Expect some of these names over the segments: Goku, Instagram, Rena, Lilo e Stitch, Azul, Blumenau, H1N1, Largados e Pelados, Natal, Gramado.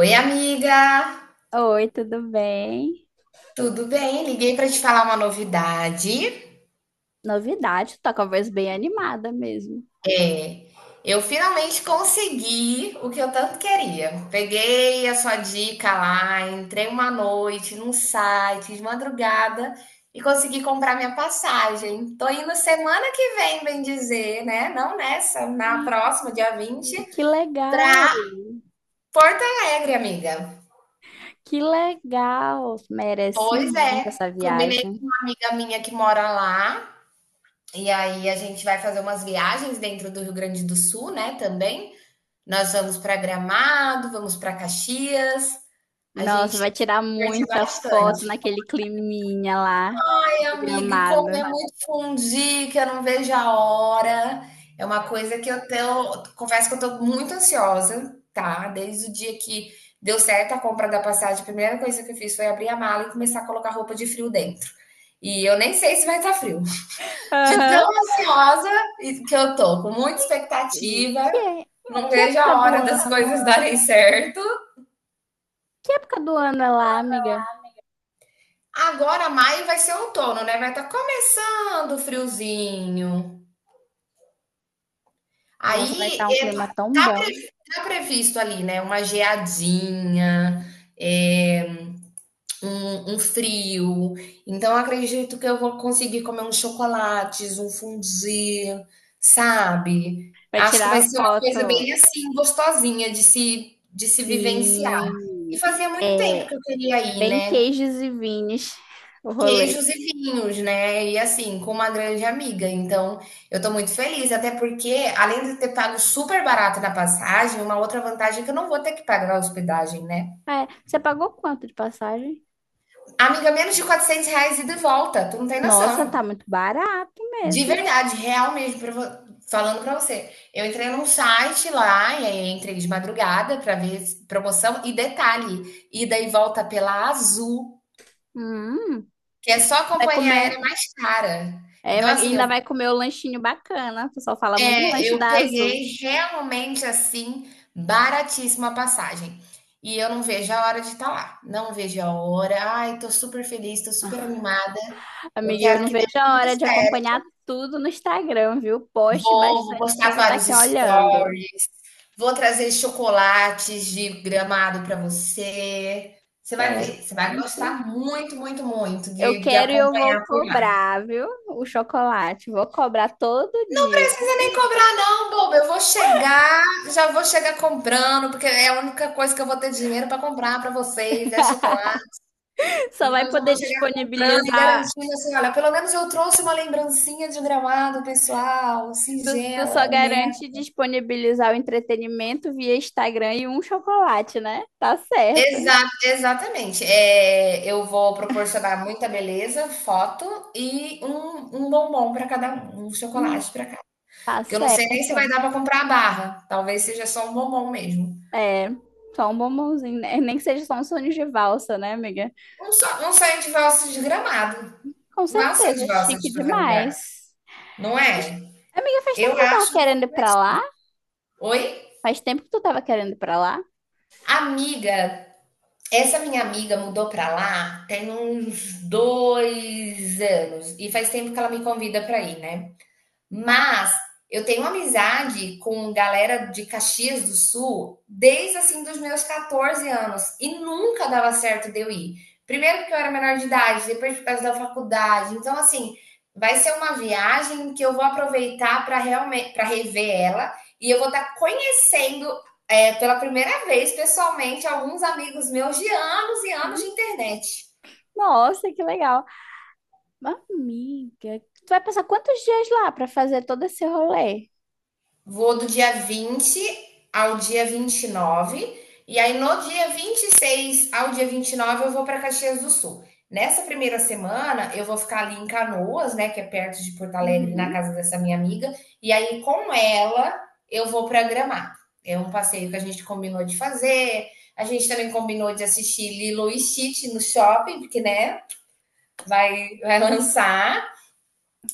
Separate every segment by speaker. Speaker 1: Oi, amiga!
Speaker 2: Oi, tudo bem?
Speaker 1: Tudo bem? Liguei para te falar uma novidade.
Speaker 2: Novidade, tá com a voz bem animada mesmo.
Speaker 1: É, eu finalmente consegui o que eu tanto queria. Peguei a sua dica lá, entrei uma noite num site de madrugada e consegui comprar minha passagem. Tô indo semana que vem, bem dizer, né? Não nessa, na
Speaker 2: Ih,
Speaker 1: próxima, dia 20
Speaker 2: que legal,
Speaker 1: para Porto Alegre, amiga.
Speaker 2: que legal. Merece
Speaker 1: Pois
Speaker 2: muito
Speaker 1: é,
Speaker 2: essa
Speaker 1: combinei
Speaker 2: viagem.
Speaker 1: com uma amiga minha que mora lá. E aí a gente vai fazer umas viagens dentro do Rio Grande do Sul, né, também. Nós vamos para Gramado, vamos para Caxias. A gente
Speaker 2: Nossa,
Speaker 1: se
Speaker 2: vai tirar
Speaker 1: divertiu
Speaker 2: muita foto
Speaker 1: bastante.
Speaker 2: naquele climinha lá
Speaker 1: Ai,
Speaker 2: de
Speaker 1: amiga, e comer
Speaker 2: Gramado.
Speaker 1: muito fundi, que eu não vejo a hora. É uma coisa que eu tenho, confesso que eu tô muito ansiosa, tá? Desde o dia que deu certo a compra da passagem, a primeira coisa que eu fiz foi abrir a mala e começar a colocar roupa de frio dentro. E eu nem sei se vai estar frio. De
Speaker 2: Aham.
Speaker 1: tão ansiosa que eu tô, com muita
Speaker 2: E
Speaker 1: expectativa,
Speaker 2: Que, é-
Speaker 1: não
Speaker 2: que
Speaker 1: vejo
Speaker 2: época
Speaker 1: a
Speaker 2: do
Speaker 1: hora das
Speaker 2: ano?
Speaker 1: coisas darem certo.
Speaker 2: Que época do ano é lá, amiga?
Speaker 1: Agora, maio vai ser um outono, né? Vai estar tá começando o friozinho.
Speaker 2: Nossa, vai
Speaker 1: Aí,
Speaker 2: estar um clima
Speaker 1: tá,
Speaker 2: tão
Speaker 1: tá
Speaker 2: bom.
Speaker 1: pre- tá previsto ali, né? Uma geadinha, é, um frio. Então, eu acredito que eu vou conseguir comer uns chocolates, um fondue, sabe?
Speaker 2: Vai
Speaker 1: Acho que vai
Speaker 2: tirar
Speaker 1: ser uma coisa
Speaker 2: foto.
Speaker 1: bem assim, gostosinha de se vivenciar. E
Speaker 2: Sim.
Speaker 1: fazia muito tempo que
Speaker 2: É,
Speaker 1: eu queria ir,
Speaker 2: bem
Speaker 1: né?
Speaker 2: queijos e vines o rolê.
Speaker 1: Queijos e vinhos, né? E assim, com uma grande amiga. Então, eu tô muito feliz, até porque, além de ter pago super barato na passagem, uma outra vantagem é que eu não vou ter que pagar a hospedagem, né?
Speaker 2: É, você pagou quanto de passagem?
Speaker 1: Amiga, menos de R$ 400 ida e de volta, tu não tem
Speaker 2: Nossa,
Speaker 1: noção.
Speaker 2: tá muito barato
Speaker 1: De
Speaker 2: mesmo.
Speaker 1: verdade, real mesmo, falando pra você. Eu entrei num site lá, e aí entrei de madrugada pra ver promoção. E detalhe, ida e volta pela Azul,
Speaker 2: Hum,
Speaker 1: que é só a
Speaker 2: vai
Speaker 1: companhia
Speaker 2: comer,
Speaker 1: aérea mais cara.
Speaker 2: é,
Speaker 1: Então, assim, eu,
Speaker 2: ainda vai comer o lanchinho bacana. O pessoal fala muito do
Speaker 1: é,
Speaker 2: lanche
Speaker 1: eu
Speaker 2: da Azul.
Speaker 1: peguei realmente, assim, baratíssima a passagem. E eu não vejo a hora de estar lá. Não vejo a hora. Ai, tô super feliz, tô super animada. Eu
Speaker 2: Amiga, eu
Speaker 1: quero
Speaker 2: não
Speaker 1: que dê
Speaker 2: vejo a
Speaker 1: tudo
Speaker 2: hora de
Speaker 1: certo.
Speaker 2: acompanhar tudo no Instagram, viu? Poste
Speaker 1: Vou
Speaker 2: bastante, porque eu
Speaker 1: postar
Speaker 2: vou estar
Speaker 1: vários
Speaker 2: aqui olhando.
Speaker 1: stories, vou trazer chocolates de Gramado para você. Você vai ver,
Speaker 2: Quero
Speaker 1: você vai
Speaker 2: muito.
Speaker 1: gostar muito, muito, muito
Speaker 2: Eu
Speaker 1: de
Speaker 2: quero e eu vou
Speaker 1: acompanhar por lá. Não
Speaker 2: cobrar, viu? O chocolate. Vou cobrar todo dia.
Speaker 1: precisa nem cobrar, não, boba. Eu vou chegar, já vou chegar comprando, porque é a única coisa que eu vou ter dinheiro para comprar para vocês, é chocolate.
Speaker 2: Só vai
Speaker 1: Então eu já vou
Speaker 2: poder
Speaker 1: chegar comprando e
Speaker 2: disponibilizar.
Speaker 1: garantindo assim, olha, pelo menos eu trouxe uma lembrancinha de Gramado, pessoal,
Speaker 2: Tu só
Speaker 1: singela,
Speaker 2: garante
Speaker 1: honesta.
Speaker 2: disponibilizar o entretenimento via Instagram e um chocolate, né? Tá certo.
Speaker 1: Exa exatamente. Eu vou proporcionar muita beleza, foto e um bombom para cada um, um
Speaker 2: Hum,
Speaker 1: chocolate para cada um.
Speaker 2: Tá
Speaker 1: Que eu não sei nem se vai
Speaker 2: certo.
Speaker 1: dar para comprar a barra, talvez seja só um bombom mesmo.
Speaker 2: É, só um bombonzinho, né? Nem que seja só um sonho de valsa, né, amiga?
Speaker 1: Um sonho de valsa desgramado,
Speaker 2: Com
Speaker 1: não é um sonho
Speaker 2: certeza,
Speaker 1: de valsa
Speaker 2: chique
Speaker 1: de qualquer lugar,
Speaker 2: demais.
Speaker 1: não
Speaker 2: Mas,
Speaker 1: é?
Speaker 2: amiga, faz tempo
Speaker 1: Eu
Speaker 2: que tu tava
Speaker 1: acho um
Speaker 2: querendo
Speaker 1: pouco.
Speaker 2: ir pra lá?
Speaker 1: Oi?
Speaker 2: Faz tempo que tu tava querendo ir pra lá?
Speaker 1: Amiga, essa minha amiga mudou pra lá tem uns 2 anos e faz tempo que ela me convida pra ir, né. Mas eu tenho amizade com galera de Caxias do Sul desde assim dos meus 14 anos e nunca dava certo de eu ir. Primeiro porque eu era menor de idade, depois por causa da faculdade. Então assim, vai ser uma viagem que eu vou aproveitar para realmente para rever ela e eu vou estar conhecendo pela primeira vez pessoalmente alguns amigos meus de anos e anos
Speaker 2: Sim.
Speaker 1: de internet.
Speaker 2: Nossa, que legal. Mas, amiga, tu vai passar quantos dias lá pra fazer todo esse rolê?
Speaker 1: Vou do dia 20 ao dia 29 e aí, no dia 26 ao dia 29 eu vou para Caxias do Sul. Nessa primeira semana, eu vou ficar ali em Canoas, né, que é perto de Porto Alegre, na
Speaker 2: Uhum.
Speaker 1: casa dessa minha amiga. E aí, com ela, eu vou para Gramado. É um passeio que a gente combinou de fazer. A gente também combinou de assistir Lilo e Stitch no shopping, porque, né, vai lançar.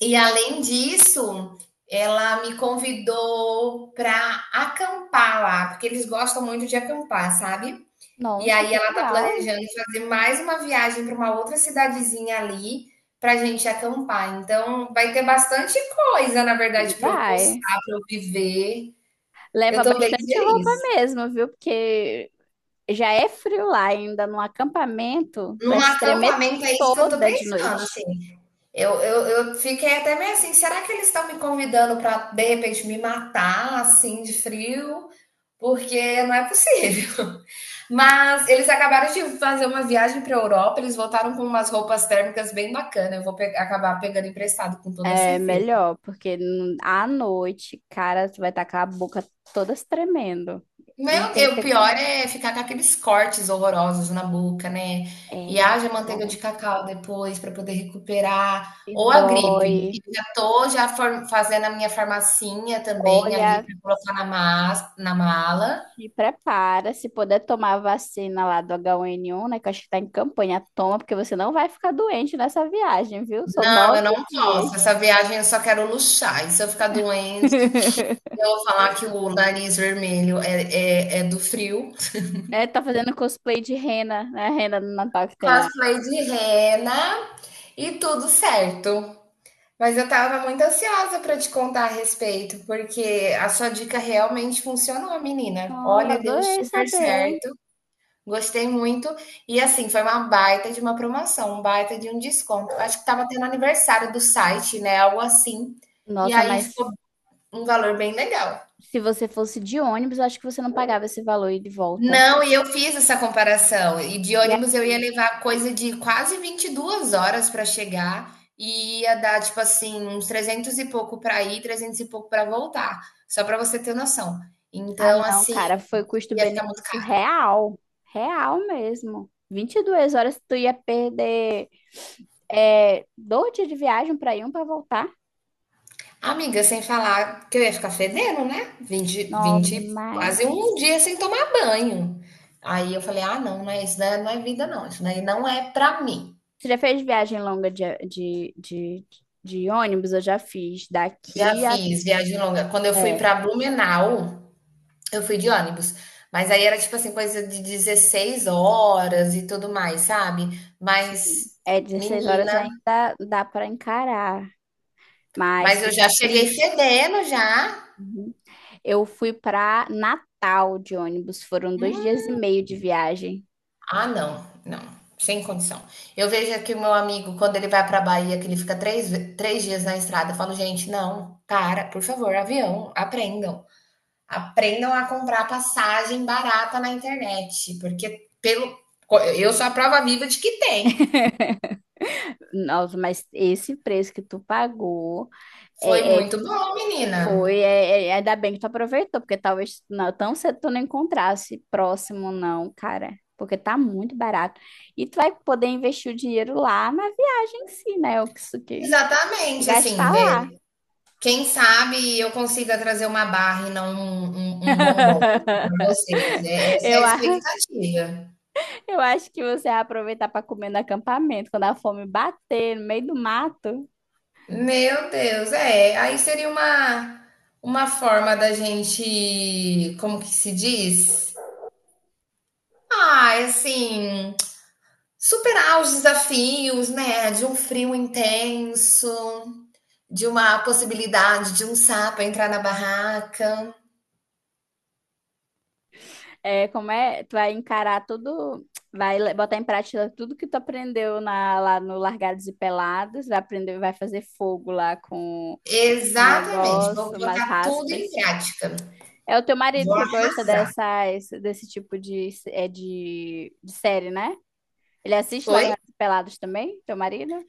Speaker 1: E além disso, ela me convidou para acampar lá, porque eles gostam muito de acampar, sabe? E
Speaker 2: Nossa,
Speaker 1: aí
Speaker 2: que
Speaker 1: ela tá
Speaker 2: legal.
Speaker 1: planejando fazer mais uma viagem para uma outra cidadezinha ali pra gente acampar. Então vai ter bastante coisa, na verdade, para eu
Speaker 2: Vai.
Speaker 1: postar, para eu viver. Eu
Speaker 2: Leva
Speaker 1: tô bem
Speaker 2: bastante roupa
Speaker 1: feliz.
Speaker 2: mesmo, viu? Porque já é frio lá ainda no acampamento,
Speaker 1: Num
Speaker 2: vai se tremer
Speaker 1: acampamento é isso que eu tô
Speaker 2: toda de
Speaker 1: pensando, assim.
Speaker 2: noite.
Speaker 1: Eu fiquei até meio assim, será que eles estão me convidando para de repente me matar assim de frio? Porque não é possível. Mas eles acabaram de fazer uma viagem para a Europa, eles voltaram com umas roupas térmicas bem bacanas. Eu vou pe acabar pegando emprestado, com toda
Speaker 2: É
Speaker 1: certeza.
Speaker 2: melhor, porque à noite, cara, tu vai estar com a boca toda se tremendo. E
Speaker 1: Meu,
Speaker 2: tem que
Speaker 1: o
Speaker 2: ter
Speaker 1: pior
Speaker 2: cuidado.
Speaker 1: é ficar com aqueles cortes horrorosos na boca, né? E
Speaker 2: É,
Speaker 1: haja manteiga
Speaker 2: cara,
Speaker 1: de cacau depois para poder recuperar.
Speaker 2: e
Speaker 1: Ou a gripe.
Speaker 2: dói.
Speaker 1: Eu já tô fazendo a minha farmacinha também ali
Speaker 2: Olha,
Speaker 1: para colocar na mala.
Speaker 2: te prepara. Se puder tomar a vacina lá do H1N1, né? Que eu acho que tá em campanha, toma, porque você não vai ficar doente nessa viagem, viu? São
Speaker 1: Não,
Speaker 2: nove
Speaker 1: eu não posso.
Speaker 2: dias.
Speaker 1: Essa viagem eu só quero luxar. E se eu ficar doente. Eu vou falar que o nariz vermelho é do frio.
Speaker 2: É, tá fazendo cosplay de Rena, né? A Rena no Natal que tem a.
Speaker 1: Cosplay de rena e tudo certo. Mas eu tava muito ansiosa pra te contar a respeito, porque a sua dica realmente funcionou, menina.
Speaker 2: Nossa,
Speaker 1: Olha, deu
Speaker 2: adorei
Speaker 1: super
Speaker 2: saber.
Speaker 1: certo. Gostei muito. E assim, foi uma baita de uma promoção, um baita de um desconto. Acho que tava tendo aniversário do site, né? Algo assim. E
Speaker 2: Nossa,
Speaker 1: aí ficou
Speaker 2: mas
Speaker 1: um valor bem legal.
Speaker 2: se você fosse de ônibus, eu acho que você não pagava esse valor e de volta.
Speaker 1: Não, e eu fiz essa comparação. E de
Speaker 2: E
Speaker 1: ônibus eu
Speaker 2: aí-
Speaker 1: ia levar coisa de quase 22 horas para chegar e ia dar, tipo assim, uns 300 e pouco para ir, 300 e pouco para voltar, só para você ter noção.
Speaker 2: Ah,
Speaker 1: Então,
Speaker 2: não,
Speaker 1: assim,
Speaker 2: cara, foi
Speaker 1: ia ficar muito
Speaker 2: custo-benefício
Speaker 1: caro.
Speaker 2: real. Real mesmo. 22 horas tu ia perder é, dois dias de viagem pra ir, um pra voltar.
Speaker 1: Amiga, sem falar que eu ia ficar fedendo, né? 20,
Speaker 2: Nossa,
Speaker 1: 20,
Speaker 2: demais.
Speaker 1: quase um dia sem tomar banho. Aí eu falei: "Ah, não, não é isso, daí não é vida não, isso daí não é para mim".
Speaker 2: Você já fez viagem longa de ônibus? Eu já fiz.
Speaker 1: Já
Speaker 2: Daqui a.
Speaker 1: fiz viagem longa. Quando eu fui para
Speaker 2: É.
Speaker 1: Blumenau, eu fui de ônibus, mas aí era tipo assim, coisa de 16 horas e tudo mais, sabe?
Speaker 2: Sim.
Speaker 1: Mas,
Speaker 2: É, 16
Speaker 1: menina,
Speaker 2: horas ainda dá para encarar, mas
Speaker 1: mas eu já
Speaker 2: fica
Speaker 1: cheguei
Speaker 2: triste.
Speaker 1: fedendo já.
Speaker 2: Uhum. Eu fui para Natal de ônibus, foram dois
Speaker 1: Hum,
Speaker 2: dias e meio de viagem.
Speaker 1: ah, não, não, sem condição. Eu vejo aqui o meu amigo, quando ele vai pra Bahia, que ele fica três dias na estrada, eu falo, gente, não, para, por favor, avião, aprendam. Aprendam a comprar passagem barata na internet, porque eu sou a prova viva de que tem.
Speaker 2: Nossa, mas esse preço que tu pagou
Speaker 1: Foi
Speaker 2: é,
Speaker 1: muito bom, menina.
Speaker 2: foi. É, ainda bem que tu aproveitou, porque talvez não, tão cedo tu não encontrasse próximo, não, cara. Porque tá muito barato. E tu vai poder investir o dinheiro lá na viagem em si, né? O que isso que
Speaker 1: Exatamente,
Speaker 2: gastar
Speaker 1: assim, né,
Speaker 2: lá.
Speaker 1: quem sabe eu consiga trazer uma barra e não um bombom, né, vocês, essa é
Speaker 2: Eu,
Speaker 1: a
Speaker 2: a-
Speaker 1: expectativa.
Speaker 2: Eu acho que você vai aproveitar para comer no acampamento, quando a fome bater no meio do mato,
Speaker 1: Meu Deus, aí seria uma forma da gente, como que se diz? Ah, assim, superar os desafios, né, de um frio intenso, de uma possibilidade de um sapo entrar na barraca.
Speaker 2: é, como é, tu vai encarar tudo, botar em prática tudo que tu aprendeu lá no Largados e Pelados, vai aprender, vai fazer fogo lá com o
Speaker 1: Exatamente, vou
Speaker 2: negócio, umas
Speaker 1: botar tudo em
Speaker 2: raspas.
Speaker 1: prática.
Speaker 2: É o teu marido
Speaker 1: Vou
Speaker 2: que gosta
Speaker 1: arrasar.
Speaker 2: dessas, desse tipo de, é, de série, né? Ele assiste
Speaker 1: Oi?
Speaker 2: Largados e Pelados também, teu marido?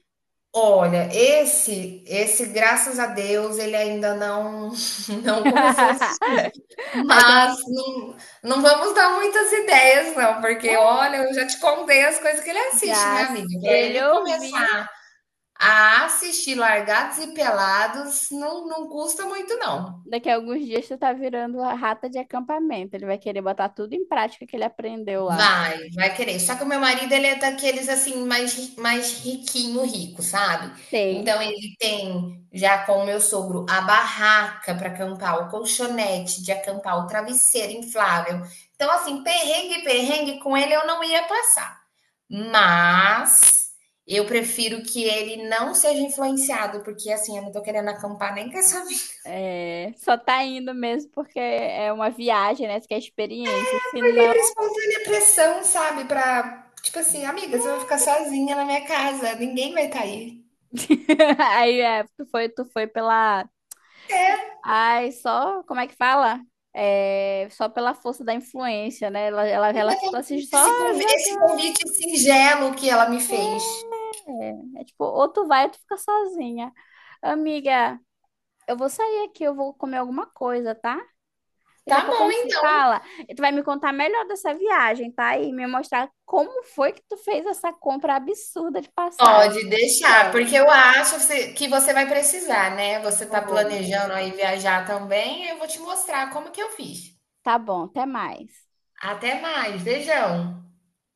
Speaker 1: Olha, esse, graças a Deus, ele ainda não não começou a assistir.
Speaker 2: Ah, então,
Speaker 1: Mas não, não vamos dar muitas ideias, não, porque
Speaker 2: né?
Speaker 1: olha, eu já te contei as coisas que ele assiste, né,
Speaker 2: Já, se
Speaker 1: amiga? Para
Speaker 2: ele
Speaker 1: ele
Speaker 2: ouvir.
Speaker 1: começar a assistir Largados e Pelados, não, não custa muito, não.
Speaker 2: Daqui a alguns dias tu tá virando a rata de acampamento. Ele vai querer botar tudo em prática que ele aprendeu lá.
Speaker 1: Vai querer. Só que o meu marido, ele é daqueles assim, mais riquinho, rico, sabe?
Speaker 2: Sei.
Speaker 1: Então ele tem, já com o meu sogro, a barraca para acampar, o colchonete de acampar, o travesseiro inflável. Então, assim, perrengue, perrengue com ele eu não ia passar. Mas eu prefiro que ele não seja influenciado, porque assim, eu não tô querendo acampar nem com essa.
Speaker 2: É, só tá indo mesmo porque é uma viagem, né? Isso que é experiência. Se
Speaker 1: Foi
Speaker 2: não,
Speaker 1: livre, espontânea pressão, sabe? Pra, tipo assim, amiga, você vai ficar sozinha na minha casa, ninguém vai estar aí.
Speaker 2: aí é, tu foi pela. Ai, só. Como é que fala? É, só pela força da influência, né? Ela ficou
Speaker 1: Exatamente,
Speaker 2: assim, só
Speaker 1: esse
Speaker 2: jogando.
Speaker 1: convite singelo que ela me fez.
Speaker 2: É, é tipo, ou tu vai ou tu fica sozinha. Amiga, eu vou sair aqui, eu vou comer alguma coisa, tá? Daqui a
Speaker 1: Tá
Speaker 2: pouco a
Speaker 1: bom,
Speaker 2: gente se
Speaker 1: então.
Speaker 2: fala e tu vai me contar melhor dessa viagem, tá? E me mostrar como foi que tu fez essa compra absurda de passagem.
Speaker 1: Pode
Speaker 2: Eu
Speaker 1: deixar,
Speaker 2: quero.
Speaker 1: porque eu acho que você vai precisar, né? Você tá
Speaker 2: Vou.
Speaker 1: planejando aí viajar também, eu vou te mostrar como que eu fiz.
Speaker 2: Tá bom, até mais.
Speaker 1: Até mais, beijão.